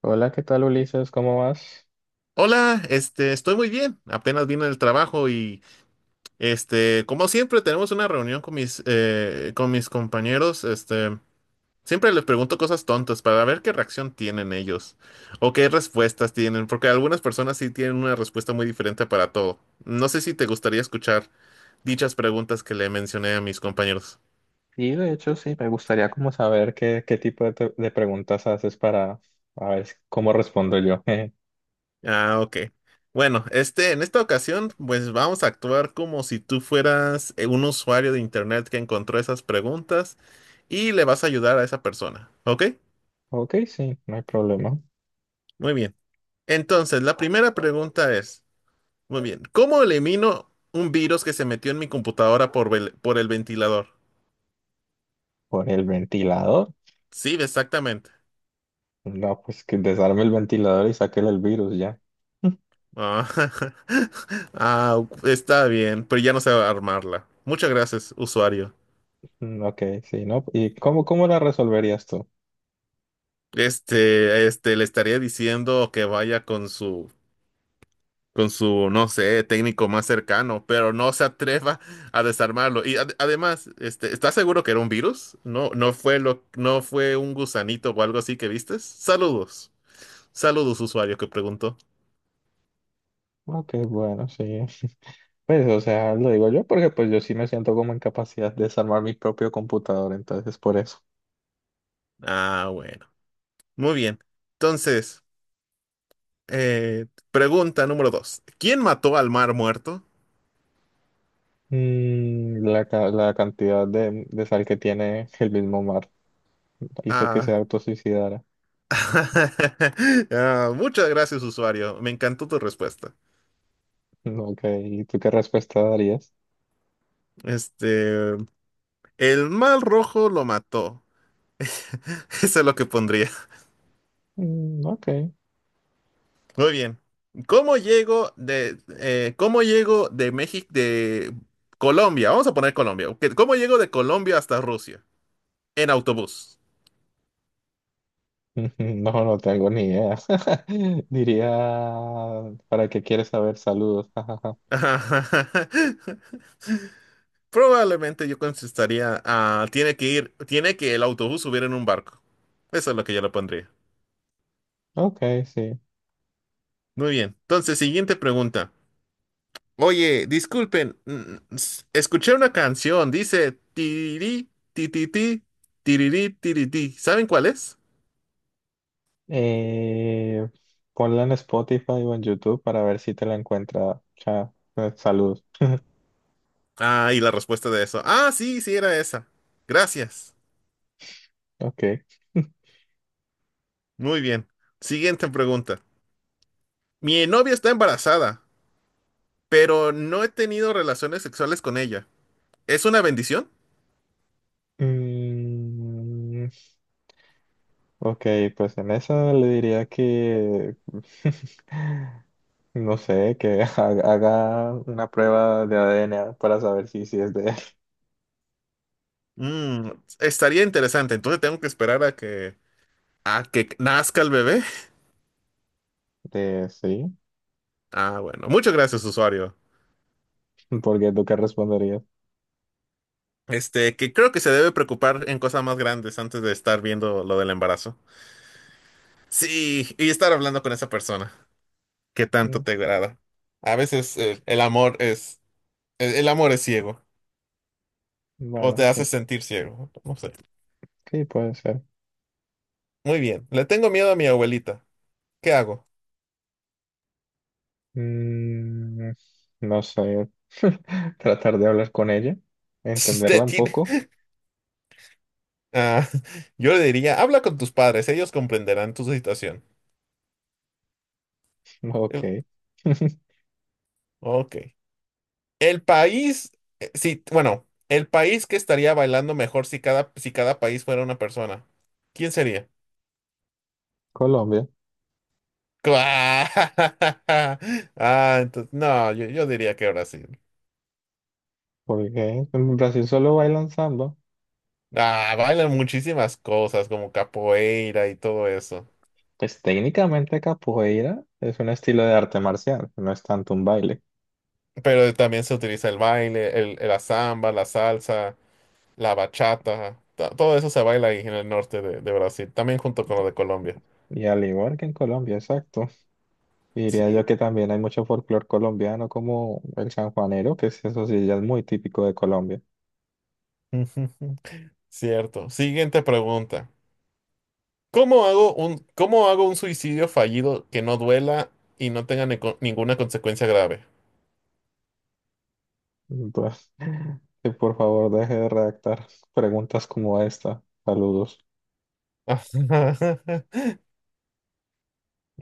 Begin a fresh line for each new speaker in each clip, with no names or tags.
Hola, ¿qué tal Ulises? ¿Cómo vas?
Hola, estoy muy bien. Apenas vine del trabajo y, como siempre, tenemos una reunión con mis compañeros. Siempre les pregunto cosas tontas para ver qué reacción tienen ellos o qué respuestas tienen, porque algunas personas sí tienen una respuesta muy diferente para todo. No sé si te gustaría escuchar dichas preguntas que le mencioné a mis compañeros.
Y de hecho sí, me gustaría como saber qué tipo de, de preguntas haces para a ver cómo respondo yo.
Ah, ok. Bueno, en esta ocasión, pues vamos a actuar como si tú fueras un usuario de internet que encontró esas preguntas y le vas a ayudar a esa persona. ¿Ok?
Ok, sí, no hay problema.
Muy bien. Entonces, la primera pregunta es, muy bien, ¿cómo elimino un virus que se metió en mi computadora por, por el ventilador?
¿Por el ventilador?
Sí, exactamente.
No, pues que desarme el ventilador y sáquele el virus ya.
Ah, ah, está bien, pero ya no sé armarla. Muchas gracias, usuario.
Mm, ok, sí, ¿no? ¿Y cómo la resolverías tú?
Le estaría diciendo que vaya con su, no sé, técnico más cercano, pero no se atreva a desarmarlo. Y además, ¿estás seguro que era un virus? No, no fue un gusanito o algo así que vistes. Saludos, saludos, usuario que preguntó.
Ok, bueno, sí. Pues, o sea, lo digo yo porque pues yo sí me siento como en capacidad de desarmar mi propio computador, entonces por eso.
Ah, bueno, muy bien. Entonces, eh, pregunta número dos. ¿Quién mató al mar muerto?
Mm, la, la cantidad de sal que tiene el mismo mar hizo que se
Ah,
autosuicidara.
ah, muchas gracias, usuario. Me encantó tu respuesta.
Mm, ok, ¿y tú qué respuesta darías?
Este, el mal rojo lo mató. Eso es lo que pondría.
Mm, ok,
Muy bien. ¿Cómo llego de México, de Colombia? Vamos a poner Colombia. Ok, ¿cómo llego de Colombia hasta Rusia? En autobús.
no tengo ni idea. Diría, ¿para qué quieres saber? Saludos. jajaja.
Probablemente yo contestaría, ah, tiene que el autobús subir en un barco. Eso es lo que yo le pondría.
Ok, sí.
Muy bien. Entonces, siguiente pregunta. Oye, disculpen, escuché una canción, dice tiri, ti, ti, ti, tirirí, tiri, ti". ¿Saben cuál es?
Eh, ponla en Spotify o en YouTube para ver si te la encuentra. Saludos.
Ah, y la respuesta de eso. Ah, sí, sí era esa. Gracias.
Ok.
Muy bien. Siguiente pregunta. Mi novia está embarazada, pero no he tenido relaciones sexuales con ella. ¿Es una bendición?
Mm, ok, pues en eso le diría que, no sé, que haga una prueba de ADN para saber si es de él.
Mm, Estaría interesante. Entonces tengo que esperar a que nazca el bebé.
De sí,
Ah, bueno. Muchas gracias, usuario.
porque tú qué responderías.
Que creo que se debe preocupar en cosas más grandes antes de estar viendo lo del embarazo. Sí, y estar hablando con esa persona que
Mm,
tanto te agrada. A veces el amor es ciego o
bueno,
te hace
sí,
sentir ciego. No sé.
sí puede ser.
Muy bien. Le tengo miedo a mi abuelita. ¿Qué hago?
Mm, no sé, tratar de hablar con ella, entenderla
Usted
un
tiene-
poco.
Ah, yo le diría, habla con tus padres, ellos comprenderán tu situación.
Ok.
El- Ok. El país, sí, bueno, el país que estaría bailando mejor si cada país fuera una persona. ¿Quién sería?
Colombia,
Ah, entonces, no, yo diría que Brasil.
porque en Brasil solo bailan samba.
Ah, bailan muchísimas cosas como capoeira y todo eso.
Pues técnicamente capoeira es un estilo de arte marcial, no es tanto un baile.
Pero también se utiliza el baile, la samba, la salsa, la bachata. Todo eso se baila ahí en el norte de Brasil, también junto con lo de Colombia.
Y al igual que en Colombia, exacto. Diría
Sí.
yo que también hay mucho folclore colombiano como el sanjuanero, eso sí ya es muy típico de Colombia.
Cierto. Siguiente pregunta. ¿Cómo hago un suicidio fallido que no duela y no tenga ninguna consecuencia grave?
Pues, que por favor deje de redactar preguntas como esta. Saludos.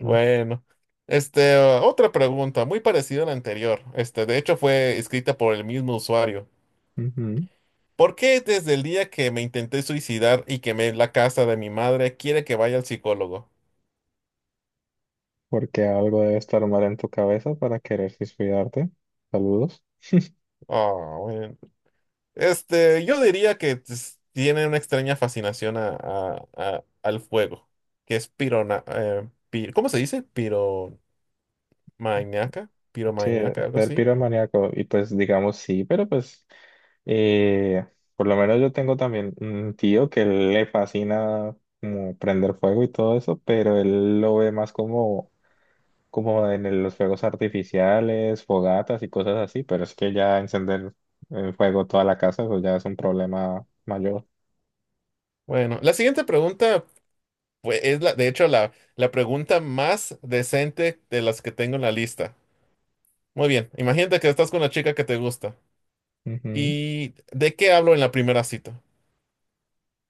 Mm,
otra pregunta muy parecida a la anterior. De hecho fue escrita por el mismo usuario.
ujú.
¿Por qué desde el día que me intenté suicidar y quemé la casa de mi madre quiere que vaya al psicólogo?
Porque algo debe estar mal en tu cabeza para querer suicidarte. Saludos.
Ah, bueno. Yo diría que tiene una extraña fascinación al fuego, que es pirona, ¿cómo se dice? Maniaca,
Sí,
piromaniaca, algo
el
así.
piromaníaco, y pues digamos sí, pero pues eh, por lo menos yo tengo también un tío que le fascina como prender fuego y todo eso, pero él lo ve más como, como en los fuegos artificiales, fogatas y cosas así, pero es que ya encender en fuego toda la casa, eso ya es un problema mayor.
Bueno, la siguiente pregunta pues, de hecho la pregunta más decente de las que tengo en la lista. Muy bien, imagínate que estás con la chica que te gusta.
Ujú.
¿Y de qué hablo en la primera cita?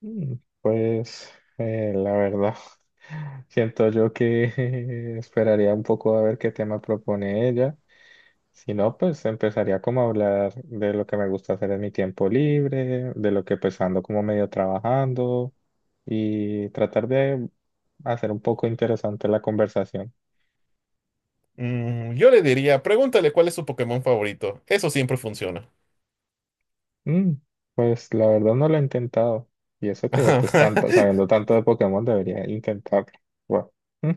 Mm, pues la verdad, siento yo que esperaría un poco a ver qué tema propone ella. Si no, pues empezaría como a hablar de lo que me gusta hacer en mi tiempo libre, de lo que pues ando como medio trabajando y tratar de hacer un poco interesante la conversación.
Yo le diría, pregúntale cuál es su Pokémon favorito. Eso siempre funciona.
Mm, pues la verdad no lo he intentado y eso que pues tanto, sabiendo tanto de Pokémon debería intentarlo. Bueno, mm,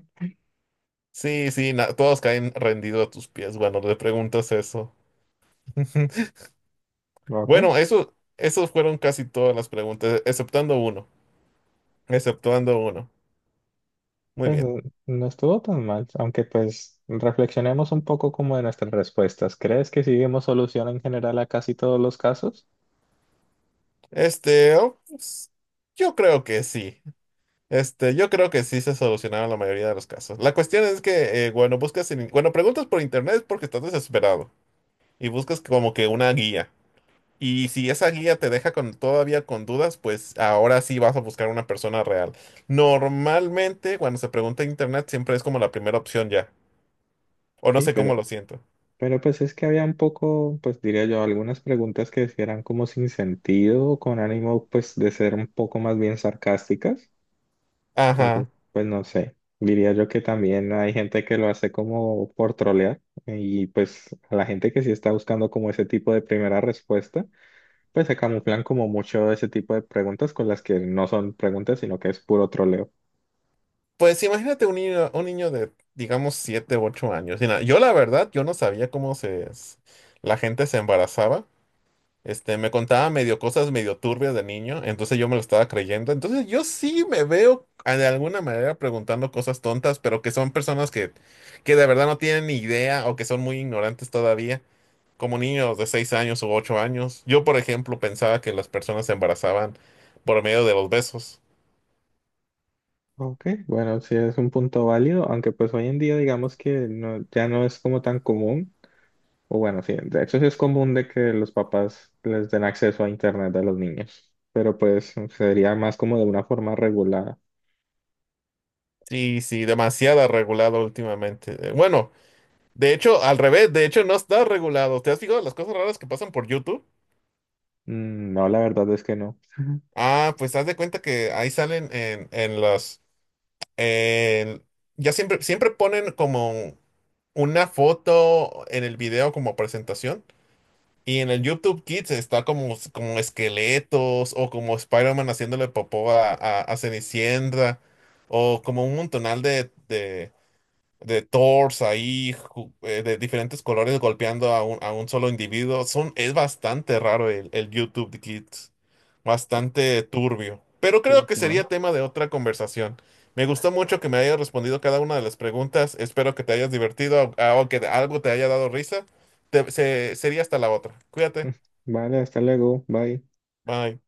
Sí, sí, todos caen rendidos a tus pies. Bueno, le preguntas eso.
ok,
Bueno, esos fueron casi todas las preguntas, exceptuando uno. Muy
pues
bien.
no estuvo tan mal, aunque pues reflexionemos un poco como de nuestras respuestas. ¿Crees que sí vemos solución en general a casi todos los casos?
Oh, pues, yo creo que sí. Yo creo que sí se solucionaron la mayoría de los casos. La cuestión es que, bueno, bueno, preguntas por internet es porque estás desesperado y buscas como que una guía. Y si esa guía te deja todavía con dudas, pues ahora sí vas a buscar una persona real. Normalmente, cuando se pregunta en internet, siempre es como la primera opción ya. O no
Sí,
sé
pero
cómo lo siento.
Pero pues es que había un poco, pues diría yo, algunas preguntas que sí eran como sin sentido, con ánimo pues de ser un poco más bien sarcásticas. Entonces,
Ajá.
pues no sé, diría yo que también hay gente que lo hace como por trolear y pues a la gente que sí está buscando como ese tipo de primera respuesta, pues se camuflan como mucho ese tipo de preguntas con las que no son preguntas, sino que es puro troleo.
Pues imagínate un niño de, digamos, 7 u 8 años. Mira, yo la verdad, yo no sabía cómo la gente se embarazaba. Me contaba medio cosas medio turbias de niño, entonces yo me lo estaba creyendo. Entonces yo sí me veo de alguna manera preguntando cosas tontas, pero que son personas que de verdad no tienen ni idea o que son muy ignorantes todavía, como niños de 6 años u 8 años. Yo, por ejemplo, pensaba que las personas se embarazaban por medio de los besos.
Ok, bueno, sí es un punto válido, aunque pues hoy en día digamos que no, ya no es como tan común. O bueno, sí, de hecho sí es común de que los papás les den acceso a internet a los niños, pero pues sería más como de una forma regulada.
Sí, sí, demasiado regulado últimamente. Bueno, de hecho, al revés, de hecho no está regulado. ¿Te has fijado las cosas raras que pasan por YouTube?
Mm, no, la verdad es que no.
Ah, pues haz de cuenta que ahí salen en- ya siempre, ponen como una foto en el video como presentación. Y en el YouTube Kids está como esqueletos o como Spider-Man haciéndole popó a Cenicienta o como un montonal de Thors ahí, de diferentes colores golpeando a un solo individuo. Es bastante raro el YouTube de Kids, bastante turbio. Pero creo
Ok.
que sería tema de otra conversación. Me gustó mucho que me hayas respondido cada una de las preguntas. Espero que te hayas divertido o que algo te haya dado risa. Sería hasta la otra. Cuídate.
Vale, hasta luego, bye.
Bye.